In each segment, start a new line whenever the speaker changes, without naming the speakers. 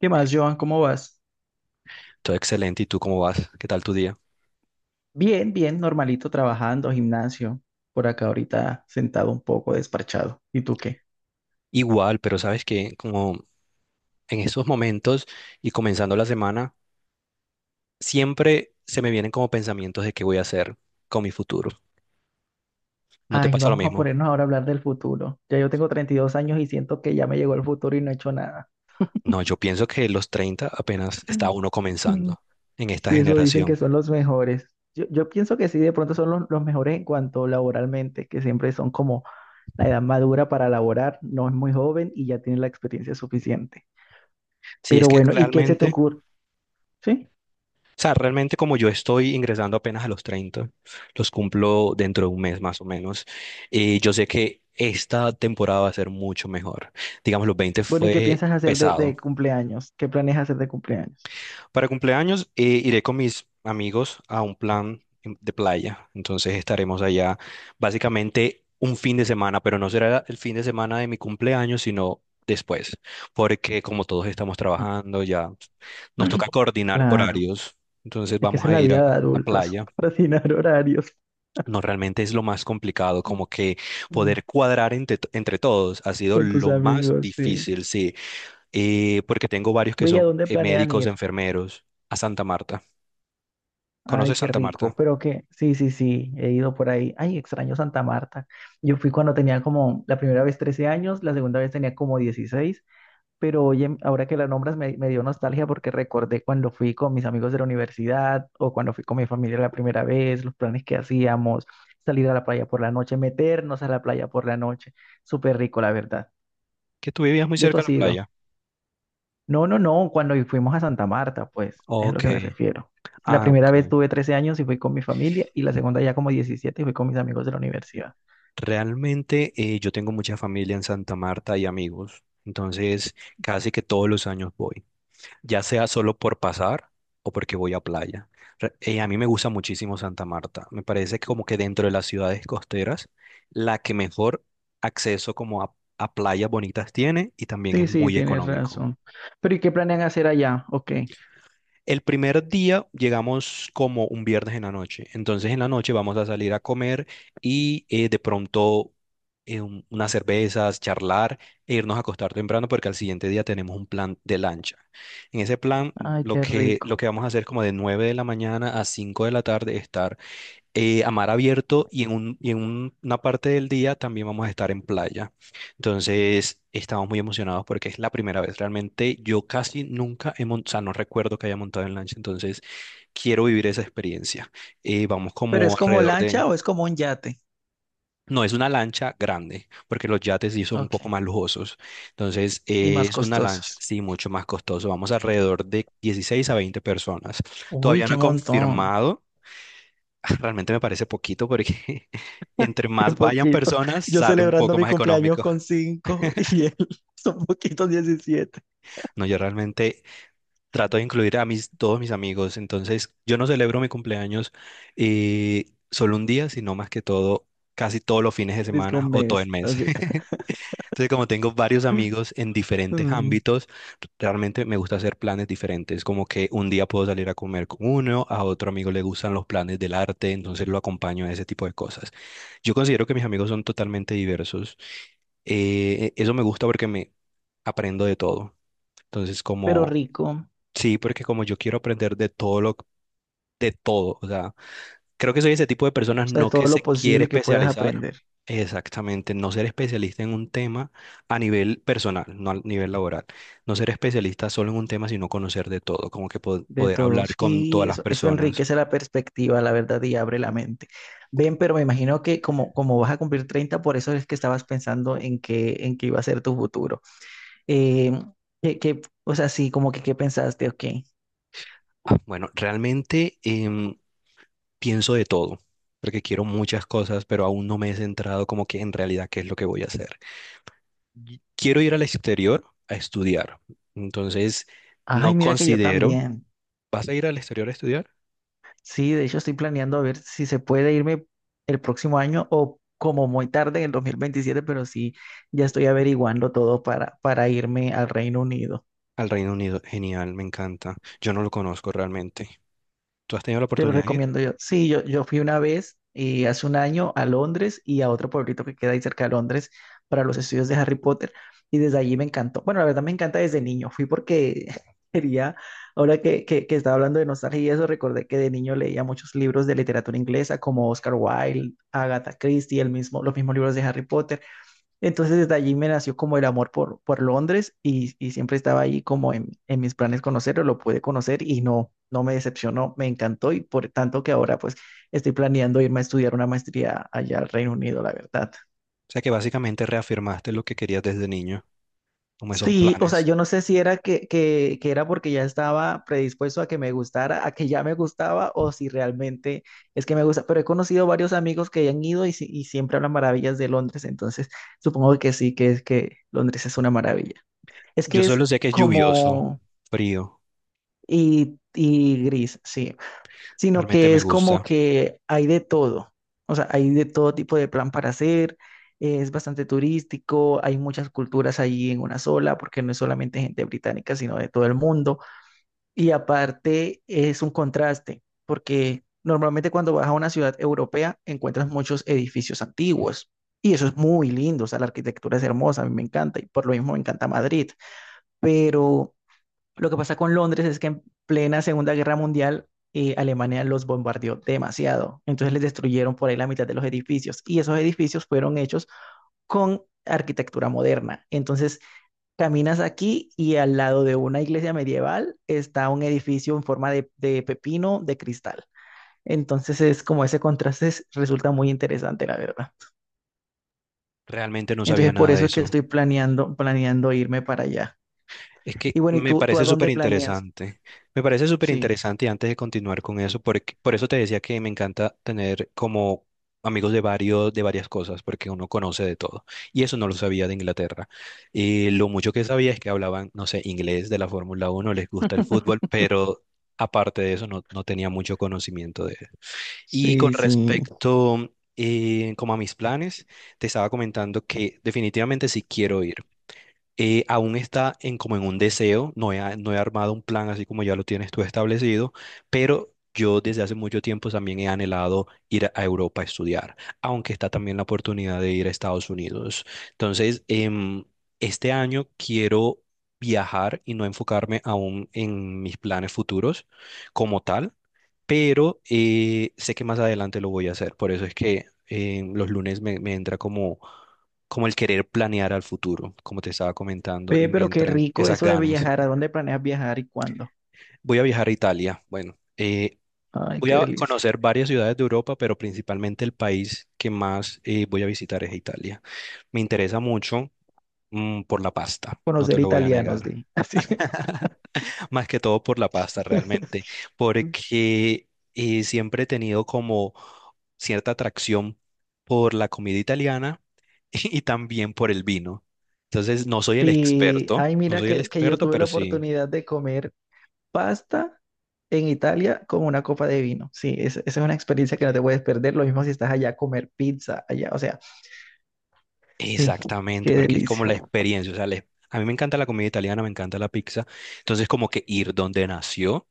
¿Qué más, Joan? ¿Cómo vas?
Todo excelente. ¿Y tú cómo vas? ¿Qué tal tu día?
Bien, bien, normalito, trabajando, gimnasio, por acá ahorita sentado un poco, desparchado. ¿Y tú qué?
Igual, pero sabes que como en esos momentos y comenzando la semana, siempre se me vienen como pensamientos de qué voy a hacer con mi futuro. ¿No te
Ay,
pasa lo
vamos a
mismo?
ponernos ahora a hablar del futuro. Ya yo tengo 32 años y siento que ya me llegó el futuro y no he hecho nada.
No, yo pienso que los 30 apenas está uno
Ujú.
comenzando en esta
Sí, eso dicen que
generación.
son los mejores. Yo pienso que sí, de pronto son los mejores en cuanto laboralmente, que siempre son como la edad madura para laborar, no es muy joven y ya tiene la experiencia suficiente.
Si es
Pero
que
bueno, ¿y qué se te
realmente,
ocurre? ¿Sí?
o sea, realmente como yo estoy ingresando apenas a los 30, los cumplo dentro de un mes más o menos, yo sé que esta temporada va a ser mucho mejor. Digamos, los 20
Bueno, ¿y qué
fue
piensas hacer de
pesado.
cumpleaños? ¿Qué planeas hacer de cumpleaños?
Para cumpleaños iré con mis amigos a un plan de playa. Entonces estaremos allá básicamente un fin de semana, pero no será el fin de semana de mi cumpleaños, sino después, porque como todos estamos trabajando, ya nos toca coordinar
Claro,
horarios. Entonces
es que
vamos
esa es
a
la
ir
vida de
a
adultos,
playa.
coordinar horarios,
No, realmente es lo más complicado, como que
mm,
poder cuadrar entre todos ha sido
con tus
lo más
amigos, sí.
difícil, sí. Porque tengo varios que
Bella,
son
¿dónde planean
médicos,
ir?
enfermeros, a Santa Marta.
Ay,
¿Conoces
qué
Santa
rico,
Marta?
pero que, sí, sí, sí, he ido por ahí. Ay, extraño Santa Marta. Yo fui cuando tenía como, la primera vez 13 años, la segunda vez tenía como 16. Pero oye, ahora que la nombras me dio nostalgia porque recordé cuando fui con mis amigos de la universidad o cuando fui con mi familia la primera vez, los planes que hacíamos, salir a la playa por la noche, meternos a la playa por la noche. Súper rico, la verdad.
Que tú vivías muy
¿Ya tú
cerca de
has
la
ido?
playa.
No, no, no, cuando fuimos a Santa Marta, pues, es a lo
Ok.
que me refiero. La
Ah,
primera
ok.
vez tuve 13 años y fui con mi familia y la segunda ya como 17 y fui con mis amigos de la universidad.
Realmente yo tengo mucha familia en Santa Marta y amigos, entonces casi que todos los años voy, ya sea solo por pasar o porque voy a playa. A mí me gusta muchísimo Santa Marta, me parece que como que dentro de las ciudades costeras, la que mejor acceso como a playas bonitas tiene y también
Sí,
es
sí,
muy
tienes
económico.
razón. Pero ¿y qué planean hacer allá? Ok.
El primer día llegamos como un viernes en la noche, entonces en la noche vamos a salir a comer y de pronto unas cervezas, charlar e irnos a acostar temprano porque al siguiente día tenemos un plan de lancha. En ese plan
Ay, qué
lo
rico.
que vamos a hacer es como de 9 de la mañana a 5 de la tarde, estar a mar abierto y una parte del día también vamos a estar en playa. Entonces, estamos muy emocionados porque es la primera vez. Realmente yo casi nunca he montado, o sea, no recuerdo que haya montado en lancha, entonces quiero vivir esa experiencia. Vamos
¿Pero
como
es como
alrededor de...
lancha o es como un yate?
No, es una lancha grande, porque los yates sí son un
Ok.
poco más lujosos. Entonces,
Y más
es una lancha,
costosas.
sí, mucho más costoso. Vamos alrededor de 16 a 20 personas.
Uy,
Todavía no
qué
he
montón.
confirmado. Realmente me parece poquito porque entre
Qué
más vayan
poquito.
personas,
Yo
sale un
celebrando
poco
mi
más
cumpleaños
económico.
con cinco y él son poquitos 17.
No, yo realmente trato de incluir a todos mis amigos. Entonces, yo no celebro mi cumpleaños solo un día, sino más que todo, casi todos los fines de
Disco
semana
un
o todo el
mes,
mes.
así.
Entonces, como tengo varios amigos en diferentes
Mm.
ámbitos, realmente me gusta hacer planes diferentes. Como que un día puedo salir a comer con uno, a otro amigo le gustan los planes del arte, entonces lo acompaño a ese tipo de cosas. Yo considero que mis amigos son totalmente diversos. Eso me gusta porque me aprendo de todo. Entonces,
Pero
como,
rico, o
sí, porque como yo quiero aprender de todo, o sea. Creo que soy ese tipo de personas,
sea, de
no que
todo
se
lo
quiere
posible que puedas
especializar.
aprender,
Exactamente, no ser especialista en un tema a nivel personal, no a nivel laboral. No ser especialista solo en un tema, sino conocer de todo, como que
de
poder
todo.
hablar con todas
Sí,
las
eso
personas.
enriquece la perspectiva, la verdad, y abre la mente. Ven, pero me imagino que como, como vas a cumplir 30, por eso es que estabas pensando en qué iba a ser tu futuro. Eh, que, o sea, sí, como que qué pensaste, ok.
Ah, bueno, realmente pienso de todo, porque quiero muchas cosas, pero aún no me he centrado como que en realidad qué es lo que voy a hacer. Y quiero ir al exterior a estudiar, entonces no
Ay, mira que yo
considero...
también.
¿Vas a ir al exterior a estudiar?
Sí, de hecho estoy planeando a ver si se puede irme el próximo año o como muy tarde en el 2027, pero sí, ya estoy averiguando todo para irme al Reino Unido.
Al Reino Unido, genial, me encanta. Yo no lo conozco realmente. ¿Tú has tenido la
Te lo
oportunidad de ir?
recomiendo yo. Sí, yo fui una vez hace un año a Londres y a otro pueblito que queda ahí cerca de Londres para los estudios de Harry Potter y desde allí me encantó. Bueno, la verdad me encanta desde niño. Fui porque quería, ahora que estaba hablando de nostalgia y eso, recordé que de niño leía muchos libros de literatura inglesa como Oscar Wilde, Agatha Christie, el mismo, los mismos libros de Harry Potter. Entonces desde allí me nació como el amor por Londres y siempre estaba ahí como en mis planes conocerlo, lo pude conocer y no, no me decepcionó, me encantó y por tanto que ahora pues estoy planeando irme a estudiar una maestría allá al Reino Unido, la verdad.
O sea que básicamente reafirmaste lo que querías desde niño, como esos
Sí, o sea,
planes.
yo no sé si era que, que era porque ya estaba predispuesto a que me gustara, a que ya me gustaba o si realmente es que me gusta, pero he conocido varios amigos que han ido y, y siempre hablan maravillas de Londres, entonces supongo que sí, que es que Londres es una maravilla. Es
Yo
que es
solo sé que es lluvioso,
como...
frío,
Y gris, sí. Sino
realmente
que
me
es como
gusta.
que hay de todo. O sea, hay de todo tipo de plan para hacer. Es bastante turístico, hay muchas culturas ahí en una sola, porque no es solamente gente británica, sino de todo el mundo. Y aparte es un contraste, porque normalmente cuando vas a una ciudad europea encuentras muchos edificios antiguos y eso es muy lindo, o sea, la arquitectura es hermosa, a mí me encanta y por lo mismo me encanta Madrid, pero lo que pasa con Londres es que en plena Segunda Guerra Mundial Alemania los bombardeó demasiado. Entonces les destruyeron por ahí la mitad de los edificios y esos edificios fueron hechos con arquitectura moderna. Entonces caminas aquí y al lado de una iglesia medieval está un edificio en forma de pepino de cristal. Entonces es como ese contraste resulta muy interesante, la verdad.
Realmente no sabía
Entonces por
nada de
eso es que
eso.
estoy planeando irme para allá.
Es
Y
que
bueno, ¿y
me
tú
parece
a
súper
dónde planeas?
interesante. Me parece súper
Sí.
interesante y antes de continuar con eso, porque, por eso te decía que me encanta tener como amigos de varios, de varias cosas, porque uno conoce de todo. Y eso no lo sabía de Inglaterra. Y lo mucho que sabía es que hablaban, no sé, inglés de la Fórmula Uno, les gusta el fútbol, pero aparte de eso no tenía mucho conocimiento de eso. Y con
Sí, sí.
respecto como a mis planes, te estaba comentando que definitivamente sí quiero ir, aún está en como en un deseo, no he armado un plan así como ya lo tienes tú establecido, pero yo desde hace mucho tiempo también he anhelado ir a Europa a estudiar, aunque está también la oportunidad de ir a Estados Unidos. Entonces, este año quiero viajar y no enfocarme aún en mis planes futuros como tal, pero sé que más adelante lo voy a hacer, por eso es que los lunes me entra como el querer planear al futuro, como te estaba comentando, y
Ve,
me
pero qué
entran
rico
esas
eso de
ganas.
viajar. ¿A dónde planeas viajar y cuándo?
Voy a viajar a Italia. Bueno,
Ay,
voy
qué
a
delicia.
conocer varias ciudades de Europa, pero principalmente el país que más voy a visitar es Italia. Me interesa mucho, por la pasta, no te
Conocer
lo voy a
italianos,
negar.
di. Así.
Más que todo por la pasta realmente, porque siempre he tenido como cierta atracción por la comida italiana y también por el vino. Entonces, no soy el
Sí,
experto,
ay,
no
mira
soy el
que yo
experto,
tuve
pero
la
sí,
oportunidad de comer pasta en Italia con una copa de vino. Sí, esa es una experiencia que no te puedes perder. Lo mismo si estás allá a comer pizza allá. O sea, sí,
exactamente,
qué
porque es como
delicia.
la experiencia, o sea, a mí me encanta la comida italiana, me encanta la pizza, entonces como que ir donde nació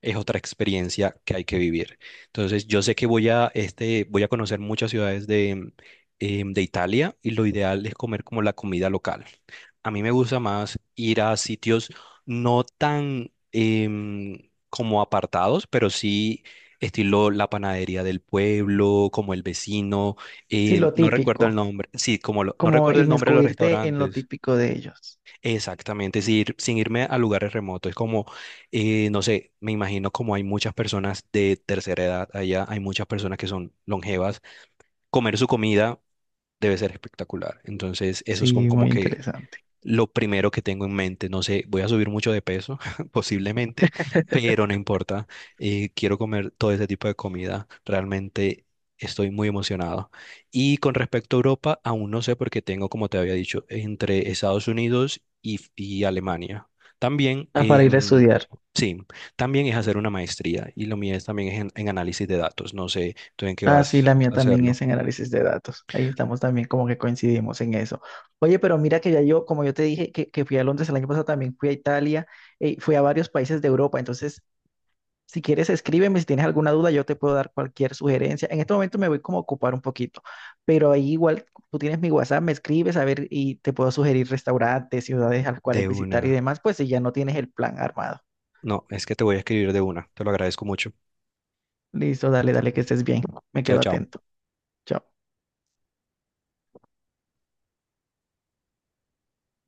es otra experiencia que hay que vivir. Entonces, yo sé que voy a conocer muchas ciudades de Italia y lo ideal es comer como la comida local. A mí me gusta más ir a sitios no tan como apartados, pero sí estilo la panadería del pueblo, como el vecino,
Sí, lo
no recuerdo el
típico.
nombre, sí, como no
Como
recuerdo el nombre de los
inmiscuirte en lo
restaurantes.
típico de ellos.
Exactamente, sin, sin irme a lugares remotos. Es como, no sé, me imagino como hay muchas personas de tercera edad allá, hay muchas personas que son longevas. Comer su comida debe ser espectacular. Entonces, eso es como,
Sí,
como
muy
que
interesante.
lo primero que tengo en mente. No sé, voy a subir mucho de peso, posiblemente, pero no importa. Quiero comer todo ese tipo de comida. Realmente estoy muy emocionado. Y con respecto a Europa, aún no sé porque tengo, como te había dicho, entre Estados Unidos y Alemania. También,
Ah, para ir a estudiar.
sí, también es hacer una maestría y lo mío es también es en análisis de datos. No sé tú en qué
Ah, sí,
vas
la mía
a
también
hacerlo.
es en análisis de datos. Ahí estamos también como que coincidimos en eso. Oye, pero mira que ya yo, como yo te dije que fui a Londres el año pasado, también fui a Italia, fui a varios países de Europa. Entonces, si quieres, escríbeme. Si tienes alguna duda, yo te puedo dar cualquier sugerencia. En este momento me voy como a ocupar un poquito, pero ahí igual tú tienes mi WhatsApp, me escribes a ver y te puedo sugerir restaurantes, ciudades a las cuales
De
visitar y
una.
demás, pues si ya no tienes el plan armado.
No, es que te voy a escribir de una. Te lo agradezco mucho.
Listo, dale, dale, que estés bien. Me
Chao,
quedo
chao.
atento. Chao.